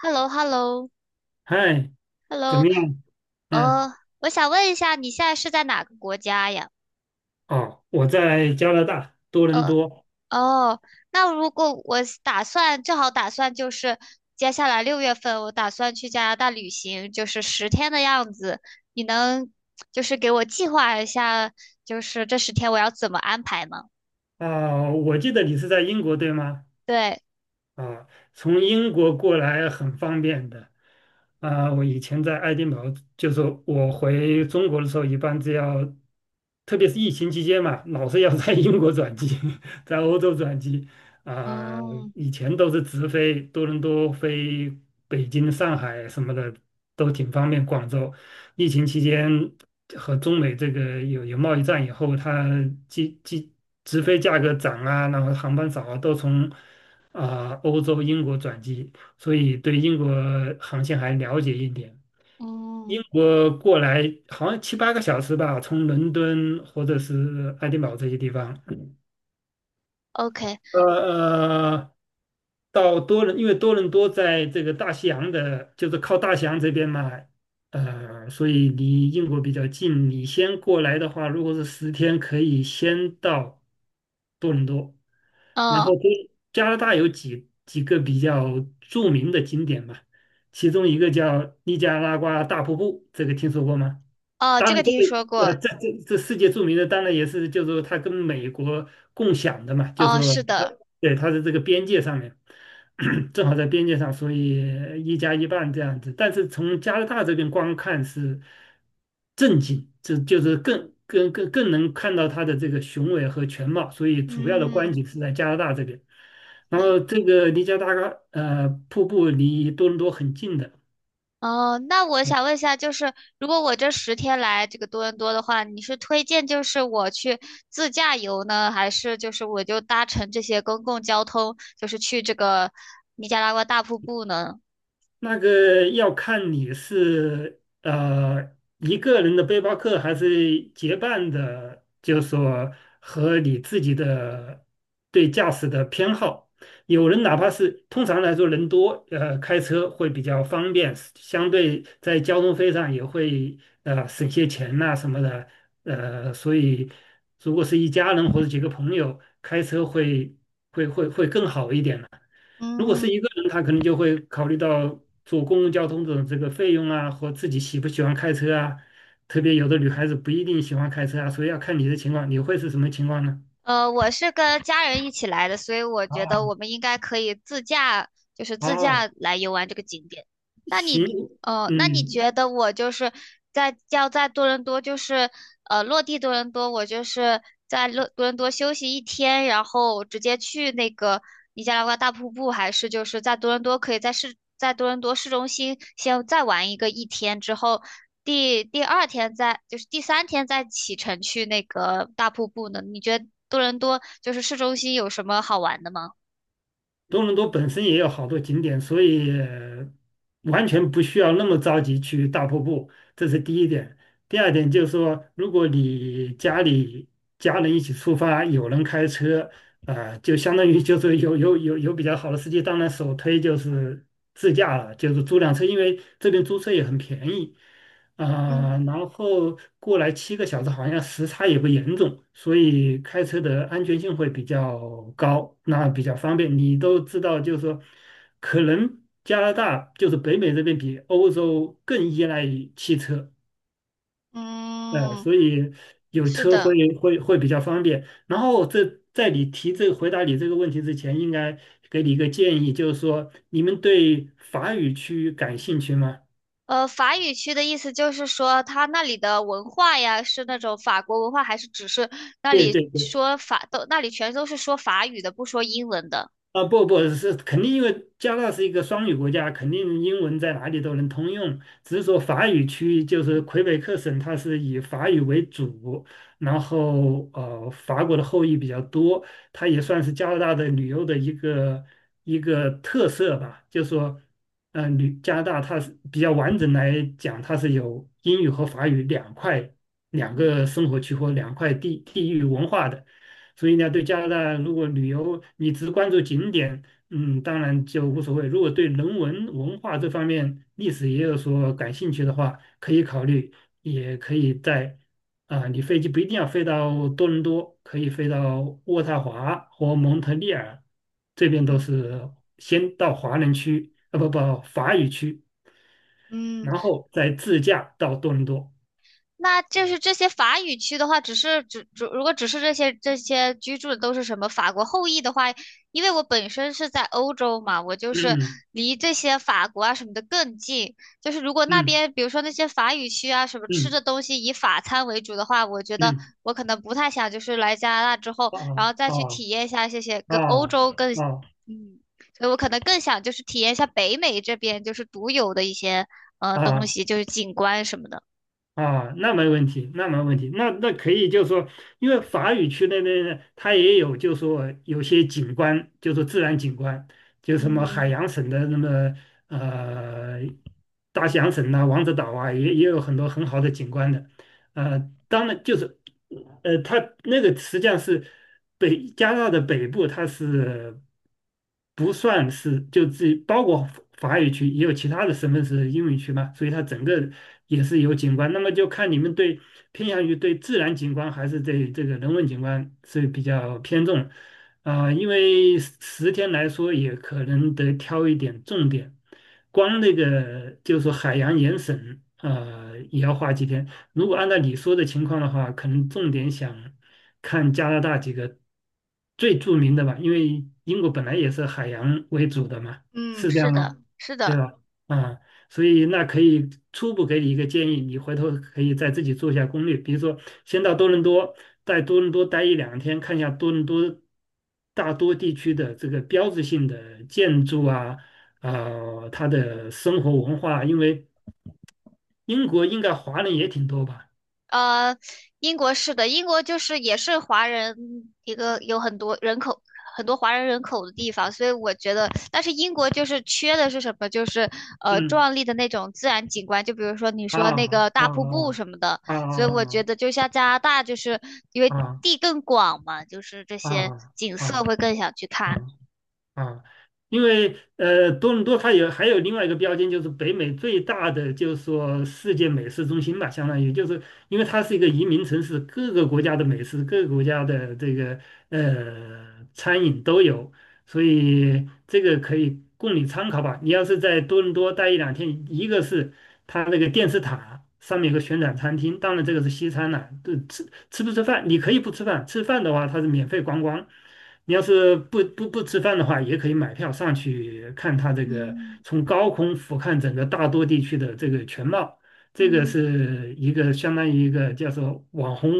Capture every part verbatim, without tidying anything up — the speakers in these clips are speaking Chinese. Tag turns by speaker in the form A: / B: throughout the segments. A: h e l l o h e l l o
B: 嗨，
A: h e l l
B: 怎么
A: o
B: 样？嗯。
A: 呃，我想问一下，你现在是在哪个国家呀？
B: 哦，我在加拿大多伦
A: 呃，
B: 多。
A: 哦，那如果我是打算，正好打算就是接下来六月份，我打算去加拿大旅行，就是十天的样子，你能就是给我计划一下，就是这十天我要怎么安排吗？
B: 啊，我记得你是在英国对吗？
A: 对。
B: 啊，从英国过来很方便的。啊，我以前在爱丁堡，就是我回中国的时候，一般只要，特别是疫情期间嘛，老是要在英国转机，在欧洲转机。啊，
A: 哦，
B: 以前都是直飞多伦多、飞北京、上海什么的，都挺方便。广州，疫情期间和中美这个有有贸易战以后，它机机直飞价格涨啊，然后航班少啊，都从。啊、欧洲英国转机，所以对英国航线还了解一点。英
A: 嗯
B: 国过来好像七八个小时吧，从伦敦或者是爱丁堡这些地方。
A: OK，
B: 呃呃，到多伦，因为多伦多在这个大西洋的，就是靠大西洋这边嘛，呃，所以离英国比较近。你先过来的话，如果是十天，可以先到多伦多，然后
A: 嗯，
B: 多加拿大有几几个比较著名的景点嘛，其中一个叫尼加拉瓜大瀑布，这个听说过吗？
A: 哦，
B: 当
A: 这
B: 然，
A: 个
B: 这
A: 听说
B: 个
A: 过，
B: 呃，这这这世界著名的，当然也是，就是说它跟美国共享的嘛，就是
A: 哦，
B: 说
A: 是
B: 它
A: 的，
B: 对它的这个边界上面，正好在边界上，所以一加一半这样子。但是从加拿大这边观看是正经，这就是更更更更能看到它的这个雄伟和全貌，所以主要的观
A: 嗯，
B: 景是在加拿大这边。然后这个离加拿大呃瀑布离多伦多很近的。
A: 哦，那我想问一下，就是如果我这十天来这个多伦多的话，你是推荐就是我去自驾游呢，还是就是我就搭乘这些公共交通，就是去这个尼加拉瓜大瀑布呢？
B: 那个要看你是呃一个人的背包客，还是结伴的，就是说和你自己的对驾驶的偏好。有人哪怕是通常来说人多，呃，开车会比较方便，相对在交通费上也会呃省些钱呐、什么的，呃，所以如果是一家人或者几个朋友开车会会会会更好一点呢。如果是
A: 嗯，
B: 一个人，他可能就会考虑到坐公共交通的这个费用啊，和自己喜不喜欢开车啊。特别有的女孩子不一定喜欢开车啊，所以要看你的情况，你会是什么情况呢？
A: 呃，我是跟家人一起来的，所以我觉得我们应该可以自驾，就是自
B: 哦，
A: 驾来游玩这个景点。那你
B: 行。
A: 哦，那你
B: 嗯。
A: 觉得我就是在要在多伦多，就是呃落地多伦多，我就是在多多伦多休息一天，然后直接去那个尼加拉瓜大瀑布，还是就是在多伦多可以在市在多伦多市中心先再玩一个一天，之后第第二天再就是第三天再启程去那个大瀑布呢？你觉得多伦多就是市中心有什么好玩的吗？
B: 多伦多本身也有好多景点，所以呃完全不需要那么着急去大瀑布，这是第一点。第二点就是说，如果你家里家人一起出发，有人开车，啊、就相当于就是有有有有比较好的司机，当然首推就是自驾了，就是租辆车，因为这边租车也很便宜。
A: 嗯
B: 啊、然后过来七个小时，好像时差也不严重，所以开车的安全性会比较高，那比较方便。你都知道，就是说，可能加拿大就是北美这边比欧洲更依赖于汽车，呃，
A: 嗯，
B: 所以有
A: 是
B: 车
A: 的。
B: 会会会比较方便。然后这在你提这回答你这个问题之前，应该给你一个建议，就是说，你们对法语区感兴趣吗？
A: 呃，法语区的意思就是说，他那里的文化呀，是那种法国文化，还是只是那
B: 对
A: 里
B: 对对。
A: 说法都，那里全都是说法语的，不说英文的。
B: 啊，不不是，肯定因为加拿大是一个双语国家，肯定英文在哪里都能通用。只是说法语区就是魁北克省，它是以法语为主，然后呃，法国的后裔比较多，它也算是加拿大的旅游的一个一个特色吧。就说，呃，旅加拿大它是比较完整来讲，它是有英语和法语两块两个生活
A: 嗯
B: 区或两块地地域文化的。所以呢，对加拿大如果旅游你只关注景点，嗯，当然就无所谓。如果对人文文化这方面、历史也有所感兴趣的话，可以考虑，也可以在啊、你飞机不一定要飞到多伦多，可以飞到渥太华或蒙特利尔，这边都是
A: 嗯
B: 先到华人区，啊不不，法语区，
A: 嗯
B: 然后再自驾到多伦多。
A: 那就是这些法语区的话，只是只只如果只是这些这些居住的都是什么法国后裔的话，因为我本身是在欧洲嘛，我就是
B: 嗯
A: 离这些法国啊什么的更近。就是如果那
B: 嗯
A: 边比如说那些法语区啊什么吃
B: 嗯
A: 的东西以法餐为主的话，我觉
B: 嗯
A: 得
B: 嗯。
A: 我可能不太想就是来加拿大之后，然
B: 啊
A: 后再去
B: 啊
A: 体验一下这些跟欧
B: 啊
A: 洲更
B: 啊！
A: 嗯，所以我可能更想就是体验一下北美这边就是独有的一些呃东
B: 啊
A: 西，就是景观什么的，
B: 啊，那没问题，那没问题，那那可以，就是说，因为法语区那边呢，它也有，就是说有些景观，就是说自然景观，就什么海
A: 嗯。
B: 洋省的那么呃大西洋省呐、王子岛啊，也也有很多很好的景观的，呃，当然就是，呃，它那个实际上是北加拿大的北部，它是不算是就自己包括法语区，也有其他的省份是英语区嘛，所以它整个也是有景观。那么就看你们对偏向于对自然景观还是对这个人文景观是比较偏重啊，因为十十天来说，也可能得挑一点重点。光那个就是说海洋盐省，呃，也要花几天。如果按照你说的情况的话，可能重点想看加拿大几个最著名的吧，因为英国本来也是海洋为主的嘛，
A: 嗯，
B: 是这样
A: 是的，
B: 吗？
A: 是
B: 对
A: 的，
B: 吧？啊，所以那可以初步给你一个建议，你回头可以再自己做一下攻略，比如说先到多伦多，在多伦多待一两天，看一下多伦多大多地区的这个标志性的建筑啊，啊，它的生活文化，因为英国应该华人也挺多吧。
A: 呃，英国是的，英国就是也是华人一个有很多人口，很多华人人口的地方，所以我觉得，但是英国就是缺的是什么？就是呃
B: 嗯。
A: 壮丽的那种自然景观，就比如说你说那
B: 啊
A: 个大瀑布
B: 啊
A: 什么的，
B: 啊
A: 所以我觉
B: 啊
A: 得就像加拿大，就是因为
B: 啊啊
A: 地更广嘛，就是这些
B: 啊
A: 景色
B: 啊
A: 会更想去
B: 啊！
A: 看。
B: 啊。因为呃，多伦多它有还有另外一个标签，就是北美最大的，就是说世界美食中心吧，相当于就是因为它是一个移民城市，各个国家的美食，各个国家的这个呃餐饮都有，所以这个可以供你参考吧。你要是在多伦多待一两天，一个是它那个电视塔上面有个旋转餐厅，当然这个是西餐了，对，吃不吃饭，你可以不吃饭，吃饭的话它是免费观光。你要是不不不吃饭的话，也可以买票上去看它这个
A: 嗯
B: 从高空俯瞰整个大多地区的这个全貌。这个是一个相当于一个叫做网红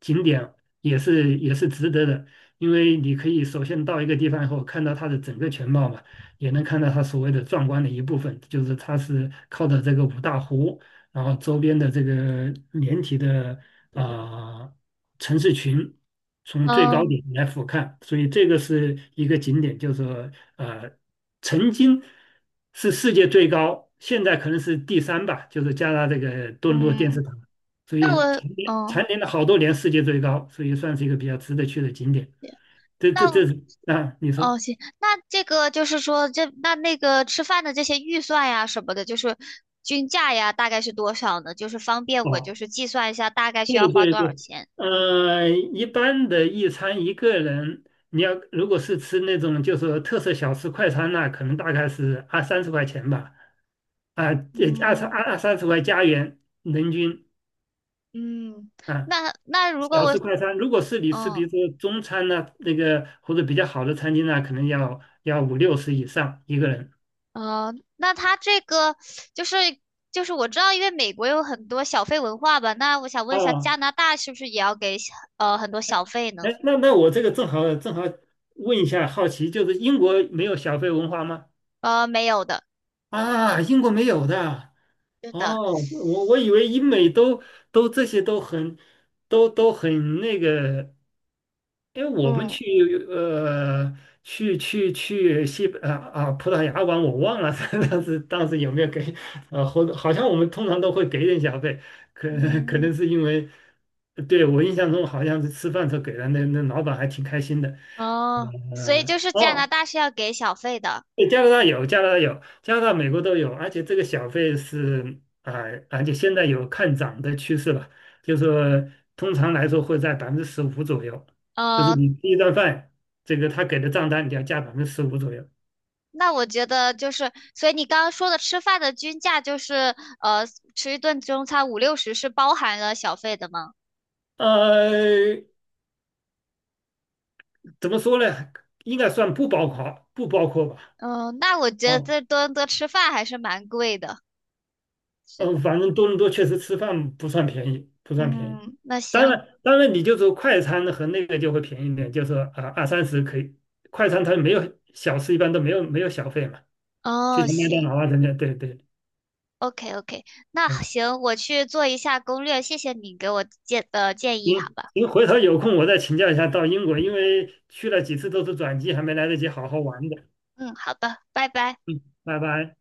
B: 景点，也是也是值得的，因为你可以首先到一个地方以后，看到它的整个全貌嘛，也能看到它所谓的壮观的一部分，就是它是靠着这个五大湖。然后周边的这个连体的啊，城市群从最高点
A: 嗯
B: 来俯瞰，所以这个是一个景点，就是说呃曾经是世界最高，现在可能是第三吧，就是加拿大这个多伦多电视
A: 嗯，
B: 塔，所
A: 那
B: 以
A: 我
B: 蝉联
A: 嗯。
B: 蝉联了好多年世界最高，所以算是一个比较值得去的景点。这这这
A: 那
B: 是啊，你
A: 哦，
B: 说。
A: 行，那这个就是说，这那那个吃饭的这些预算呀什么的，就是均价呀，大概是多少呢？就是方便我就
B: 哦，
A: 是计算一下大概需要
B: 对
A: 花
B: 对
A: 多少
B: 对。
A: 钱。嗯，
B: 呃，一般的一餐一个人，你要如果是吃那种就是说特色小吃快餐那、可能大概是二三十块钱吧，啊，这二三二二三十块加元人均
A: 嗯，
B: 啊。
A: 那那如果
B: 小吃
A: 我，
B: 快餐，如果是你吃比
A: 嗯
B: 如说中餐呢、那个或者比较好的餐厅呢、可能要要五六十以上一个人。
A: 呃，那他这个就是就是我知道，因为美国有很多小费文化吧，那我想问一下，加
B: 哦，
A: 拿大是不是也要给小呃很多小费呢？
B: 哎，那那我这个正好正好问一下，好奇就是英国没有小费文化吗？
A: 呃，没有的
B: 啊，英国没有的。
A: 的。
B: 哦，我我以为英美都都这些都很都都很那个，因为我们
A: 嗯，
B: 去呃去去去西啊啊葡萄牙玩，我忘了 当时当时有没有给呃，好好像我们通常都会给点小费，可可能是因为对我印象中好像是吃饭时候给了那那老板还挺开心的。
A: 哦，所以
B: 呃
A: 就是加拿
B: 哦
A: 大是要给小费的。
B: 对，加拿大有，加拿大有，加拿大、美国都有，而且这个小费是啊、呃而且现在有看涨的趋势了，就是说通常来说会在百分之十五左右，就是
A: 呃，
B: 你第一顿饭，这个他给的账单你要加百分之十五左右。
A: 那我觉得就是，所以你刚刚说的吃饭的均价就是，呃，吃一顿中餐五六十是包含了小费的吗？
B: 呃，怎么说呢？应该算不包括，不包括吧？
A: 嗯，那我觉得
B: 啊。
A: 在多伦多吃饭还是蛮贵的。是的，
B: 嗯，反正多伦多确实吃饭不算便宜，不算便宜。
A: 嗯，那
B: 当
A: 行，
B: 然，当然，你就说快餐和那个就会便宜一点，就是说啊二三十可以。快餐它没有小吃，一般都没有没有小费嘛，就
A: 哦，
B: 像麦
A: 行
B: 当劳啊等等，对对。
A: ，OK OK，那
B: 嗯，
A: 行，我去做一下攻略，谢谢你给我建的建议，好
B: 您
A: 吧？
B: 您回头有空我再请教一下到英国，因为去了几次都是转机，还没来得及好好玩的。
A: 嗯，好的，拜拜。
B: 嗯，拜拜。